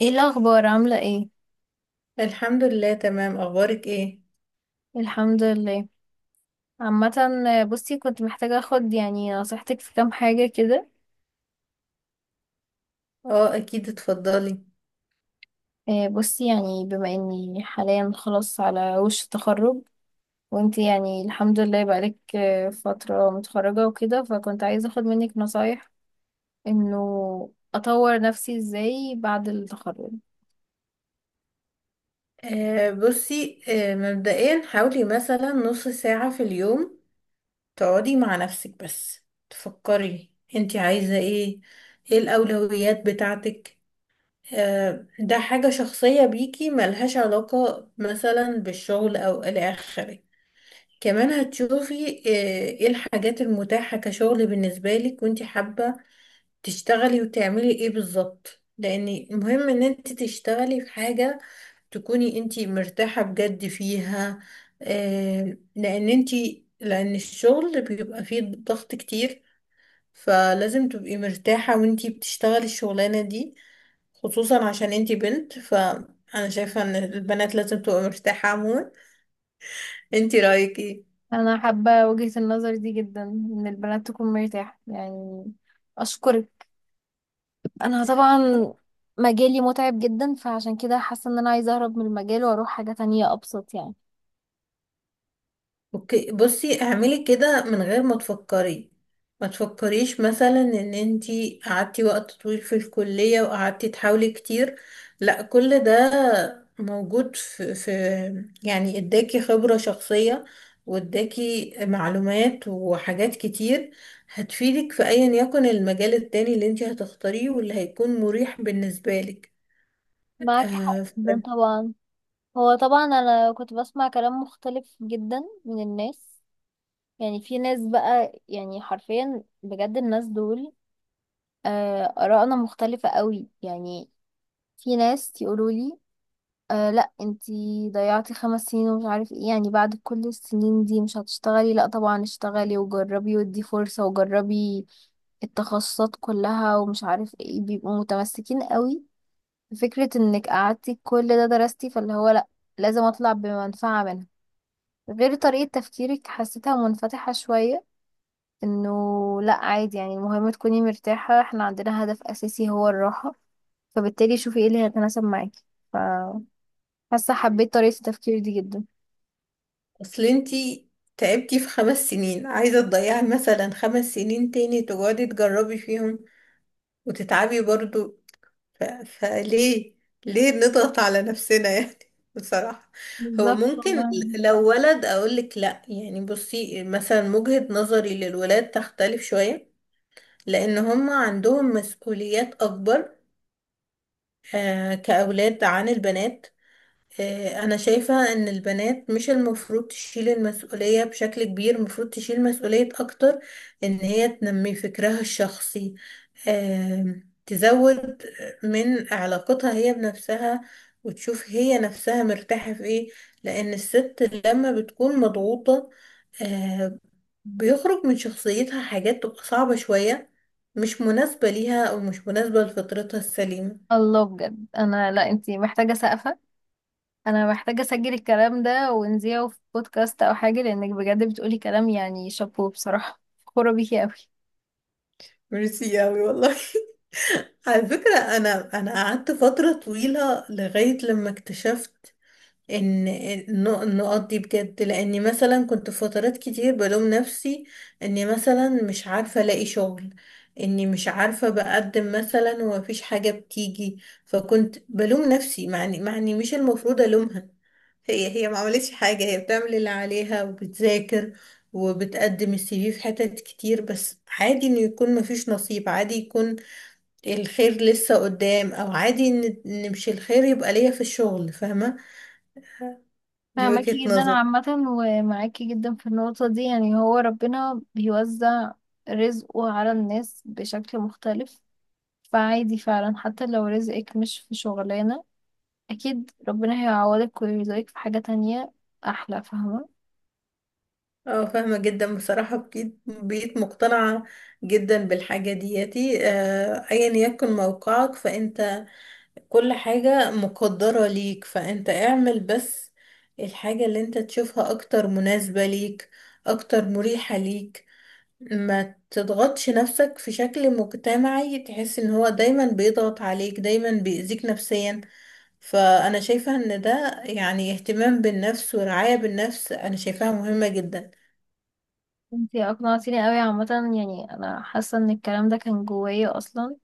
ايه الاخبار؟ عامله ايه؟ الحمد لله، تمام. اخبارك ايه؟ الحمد لله. عامه. بصي، كنت محتاجه اخد يعني نصيحتك في كام حاجه كده. اه، اكيد، اتفضلي. بصي، يعني بما اني حاليا خلاص على وش التخرج، وانتي يعني الحمد لله بقالك فتره متخرجه وكده، فكنت عايزه اخد منك نصايح انه اطور نفسي ازاي بعد التخرج. بصي. مبدئيا، حاولي مثلا نص ساعة في اليوم تقعدي مع نفسك، بس تفكري انتي عايزة ايه. ايه الاولويات بتاعتك؟ ده حاجة شخصية بيكي، ملهاش علاقة مثلا بالشغل او الى اخره. كمان هتشوفي ايه الحاجات المتاحة كشغل بالنسبة لك، وانتي حابة تشتغلي وتعملي ايه بالظبط، لان مهم ان انت تشتغلي في حاجة تكوني انت مرتاحة بجد فيها. آه لان انت لان الشغل بيبقى فيه ضغط كتير، فلازم تبقي مرتاحة وانت بتشتغلي الشغلانة دي، خصوصا عشان انت بنت. فانا شايفة ان البنات لازم تبقى مرتاحة عموما. انت رأيك ايه؟ انا حابه وجهه النظر دي جدا، ان البنات تكون مرتاحه يعني. اشكرك. انا طبعا مجالي متعب جدا، فعشان كده حاسه ان انا عايزه اهرب من المجال واروح حاجه تانية ابسط يعني. اوكي. بصي، اعملي كده من غير ما تفكري. ما تفكريش مثلا ان انتي قعدتي وقت طويل في الكلية وقعدتي تحاولي كتير. لا، كل ده موجود في، يعني اداكي خبرة شخصية واداكي معلومات وحاجات كتير هتفيدك في ايا يكن المجال التاني اللي انتي هتختاريه واللي هيكون مريح بالنسبة لك. معاكي حق آه، جدا طبعا. هو طبعا انا كنت بسمع كلام مختلف جدا من الناس، يعني في ناس بقى يعني حرفيا بجد الناس دول آرائنا مختلفة قوي يعني. في ناس يقولوا لي آه لا انتي ضيعتي 5 سنين ومش عارف ايه، يعني بعد كل السنين دي مش هتشتغلي؟ لا طبعا اشتغلي وجربي، ودي فرصة وجربي التخصصات كلها ومش عارف ايه، بيبقوا متمسكين قوي فكرة انك قعدتي كل ده درستي، فاللي هو لا لازم اطلع بمنفعة منها. غير طريقة تفكيرك حسيتها منفتحة شوية، انه لا عادي يعني المهم تكوني مرتاحة، احنا عندنا هدف اساسي هو الراحة، فبالتالي شوفي ايه اللي هيتناسب معاكي. ف- حاسة حبيت طريقة التفكير دي جدا. اصل انتي تعبتي في خمس سنين، عايزة تضيعي مثلا خمس سنين تاني تقعدي تجربي فيهم وتتعبي برضو؟ فليه، ليه نضغط على نفسنا يعني بصراحة. هو بالظبط ممكن والله. لو ولد اقولك لا، يعني بصي، مثلا وجهة نظري للولاد تختلف شوية، لان هم عندهم مسؤوليات اكبر كأولاد عن البنات. أنا شايفة إن البنات مش المفروض تشيل المسؤولية بشكل كبير، المفروض تشيل مسؤولية أكتر إن هي تنمي فكرها الشخصي، تزود من علاقتها هي بنفسها وتشوف هي نفسها مرتاحة في إيه. لأن الست لما بتكون مضغوطة آه، بيخرج من شخصيتها حاجات تبقى صعبة شوية، مش مناسبة ليها أو مش مناسبة لفطرتها السليمة. الله، بجد انا لا، انتي محتاجه سقفه. انا محتاجه اسجل الكلام ده ونذيعه في بودكاست او حاجه، لانك بجد بتقولي كلام يعني شابو بصراحه. فخوره بيكي قوي. ميرسي أوي والله على فكرة، أنا قعدت فترة طويلة لغاية لما اكتشفت إن النقط دي بجد. لأني مثلا كنت في فترات كتير بلوم نفسي إني مثلا مش عارفة ألاقي شغل، إني مش عارفة بقدم مثلا ومفيش حاجة بتيجي. فكنت بلوم نفسي، معني مش المفروض ألومها. هي ما عملتش حاجة، هي بتعمل اللي عليها وبتذاكر وبتقدم السي في في حتت كتير. بس عادي إنه يكون مفيش نصيب، عادي يكون الخير لسه قدام، او عادي نمشي، الخير يبقى ليا في الشغل، فاهمة؟ دي وجهة فاهماكي جدا نظر. عامه، ومعاكي جدا في النقطه دي. يعني هو ربنا بيوزع رزقه على الناس بشكل مختلف، فعادي فعلا حتى لو رزقك مش في شغلانه اكيد ربنا هيعوضك ويرزقك في حاجه تانية احلى، فاهمه. اه، فاهمة جدا بصراحة. بقيت مقتنعة جدا بالحاجة دياتي. ايا يكن موقعك فانت كل حاجة مقدرة ليك، فانت اعمل بس الحاجة اللي انت تشوفها اكتر مناسبة ليك، اكتر مريحة ليك. ما تضغطش نفسك في شكل مجتمعي تحس ان هو دايما بيضغط عليك، دايما بيأذيك نفسيا. فأنا شايفة إن ده يعني اهتمام بالنفس ورعاية بالنفس، أنا شايفاها مهمة جدا. انتي اقنعتيني قوي عامة، يعني انا حاسة ان الكلام ده كان جوايا اصلا،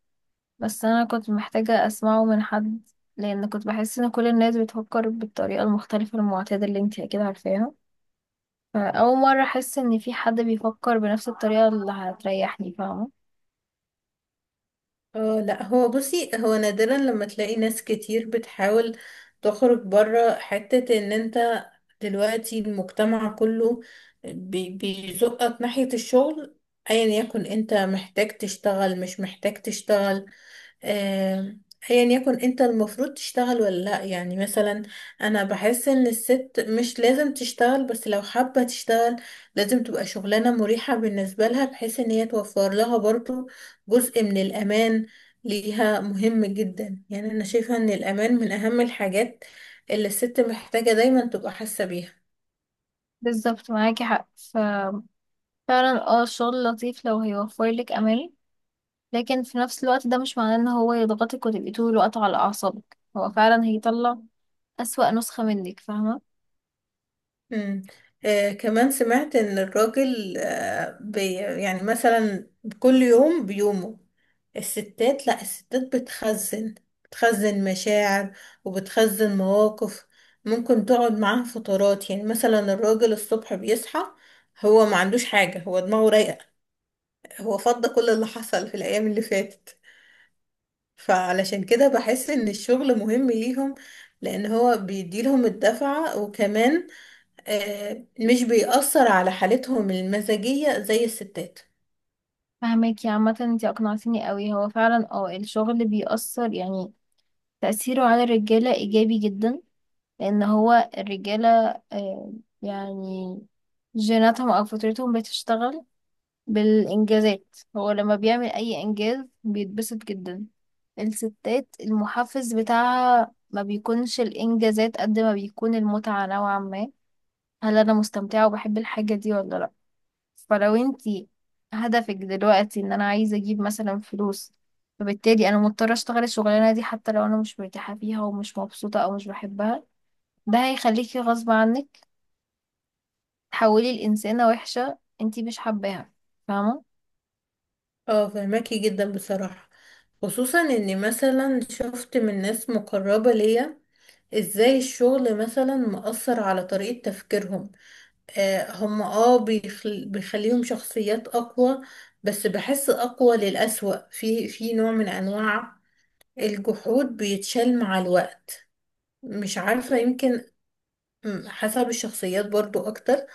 بس انا كنت محتاجة اسمعه من حد، لان كنت بحس ان كل الناس بتفكر بالطريقة المختلفة المعتادة اللي انتي اكيد عارفاها. فاول مرة احس ان في حد بيفكر بنفس الطريقة اللي هتريحني، فاهمة. اه لا، هو بصي، هو نادرا لما تلاقي ناس كتير بتحاول تخرج بره حتة إن أنت دلوقتي المجتمع كله بيزقك ناحية الشغل. أيا يكن أنت محتاج تشتغل مش محتاج تشتغل، آه، ايا يكن انت المفروض تشتغل ولا لا. يعني مثلا انا بحس ان الست مش لازم تشتغل، بس لو حابة تشتغل لازم تبقى شغلانة مريحة بالنسبة لها، بحيث ان هي توفر لها برضو جزء من الامان. ليها مهم جدا، يعني انا شايفة ان الامان من اهم الحاجات اللي الست محتاجة دايما تبقى حاسة بيها. بالظبط معاكي حق، ففعلا اه الشغل لطيف لو هيوفر لك امان، لكن في نفس الوقت ده مش معناه ان هو يضغطك وتبقي طول الوقت على اعصابك، هو فعلا هيطلع اسوأ نسخة منك، فاهمة. مم. كمان سمعت ان الراجل آه بي يعني مثلا كل يوم بيومه. الستات، لا، الستات بتخزن، بتخزن مشاعر وبتخزن مواقف ممكن تقعد معاها فترات. يعني مثلا الراجل الصبح بيصحى هو ما عندوش حاجة، هو دماغه رايقة، هو فضى كل اللي حصل في الأيام اللي فاتت. فعلشان كده بحس إن الشغل مهم ليهم، لأن هو بيديلهم الدفعة. وكمان مش بيأثر على حالتهم المزاجية زي الستات. فهماكي عامة، انتي اقنعتيني قوي. هو فعلا اه الشغل بيأثر، يعني تأثيره على الرجالة ايجابي جدا، لان هو الرجالة آه، يعني جيناتهم او فطرتهم بتشتغل بالانجازات، هو لما بيعمل اي انجاز بيتبسط جدا. الستات المحفز بتاعها ما بيكونش الانجازات قد ما بيكون المتعة نوعا ما، هل انا مستمتعة وبحب الحاجة دي ولا لا؟ فلو انتي هدفك دلوقتي ان انا عايزة اجيب مثلا فلوس، فبالتالي انا مضطرة اشتغل الشغلانة دي حتى لو انا مش مرتاحة فيها ومش مبسوطة او مش بحبها، ده هيخليكي غصب عنك تحولي لإنسانة وحشة انتي مش حباها، فاهمة. اه فهماكي جدا بصراحة. خصوصا اني مثلا شفت من ناس مقربة ليا ازاي الشغل مثلا مأثر على طريقة تفكيرهم. هم بيخليهم شخصيات اقوى، بس بحس اقوى للأسوأ. في نوع من انواع الجحود بيتشال مع الوقت، مش عارفة، يمكن حسب الشخصيات برضو اكتر.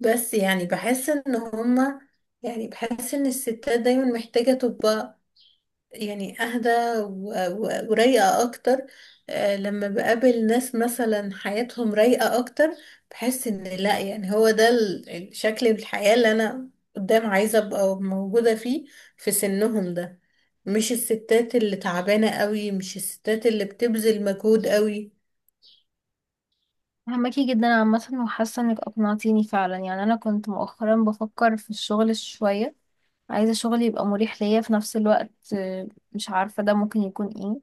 بس يعني بحس ان هما، يعني بحس ان الستات دايما محتاجة تبقى يعني اهدى ورايقة اكتر. لما بقابل ناس مثلا حياتهم رايقة اكتر بحس ان لا، يعني هو ده الشكل الحياة اللي انا قدام عايزة ابقى موجودة فيه، في سنهم ده. مش الستات اللي تعبانة قوي، مش الستات اللي بتبذل مجهود قوي. فهماكي جدا عامة، وحاسة انك اقنعتيني فعلا. يعني انا كنت مؤخرا بفكر في الشغل شوية، عايزة شغل يبقى مريح ليا في نفس الوقت. مش عارفة ده ممكن يكون ايه،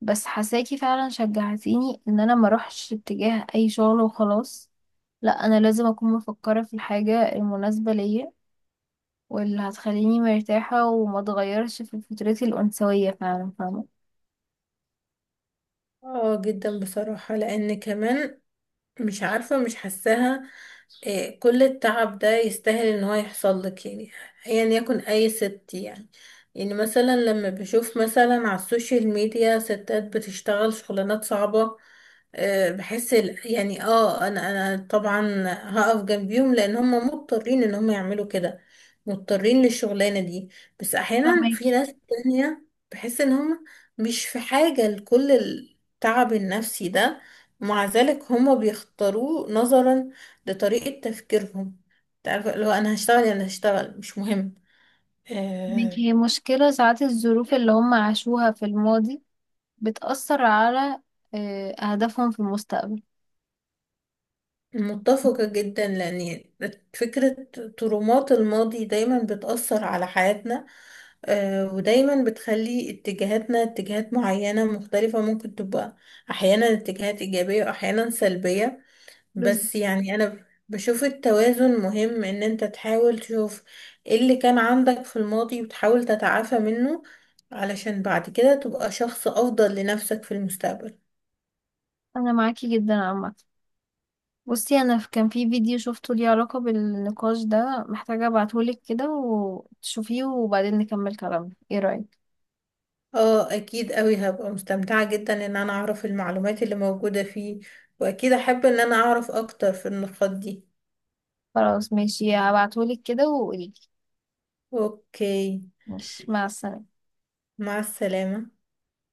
بس حساكي فعلا شجعتيني ان انا ما اروحش اتجاه اي شغل وخلاص، لا انا لازم اكون مفكره في الحاجه المناسبه ليا، واللي هتخليني مرتاحه وما اتغيرش في فطرتي الانثويه فعلا، فاهمه. اه جدا بصراحة، لان كمان مش عارفة، مش حاساها إيه كل التعب ده يستاهل ان هو يحصل لك. يعني ايا يكن اي ست. يعني يعني مثلا لما بشوف مثلا على السوشيال ميديا ستات بتشتغل شغلانات صعبة إيه، بحس يعني انا طبعا هقف جنبيهم لان هم مضطرين ان هم يعملوا كده، مضطرين للشغلانة دي. بس احيانا في فاهماكي ناس تانية بحس ان هم مش في حاجة لكل التعب النفسي ده، مع ذلك هم بيختاروه نظرا ده طريقة تفكيرهم. تعرف، لو أنا هشتغل يعني هشتغل مش مهم. آه فاهماكي. هي مشكله ساعات الظروف اللي هم عاشوها في الماضي بتاثر على اهدافهم في المستقبل. متفقة جدا، لأن فكرة ترومات الماضي دايما بتأثر على حياتنا، ودايما بتخلي اتجاهاتنا اتجاهات معينة مختلفة، ممكن تبقى أحيانا اتجاهات إيجابية وأحيانا سلبية. بس بس يعني انا بشوف التوازن مهم، ان انت تحاول تشوف ايه اللي كان عندك في الماضي وتحاول تتعافى منه علشان بعد كده تبقى شخص افضل لنفسك في المستقبل. انا معاكي جدا عامه. بصي انا كان في فيديو شفته ليه علاقة بالنقاش ده، محتاجة ابعتهولك كده وتشوفيه وبعدين نكمل كلامنا، ايه رأيك؟ اه اكيد قوي، هبقى مستمتعة جدا ان انا اعرف المعلومات اللي موجودة فيه، واكيد احب ان انا اعرف اكتر في النقاط دي. خلاص ماشي، هبعتهولك كده وقوليلي. اوكي. ماشي، مع السلامة. مع السلامة.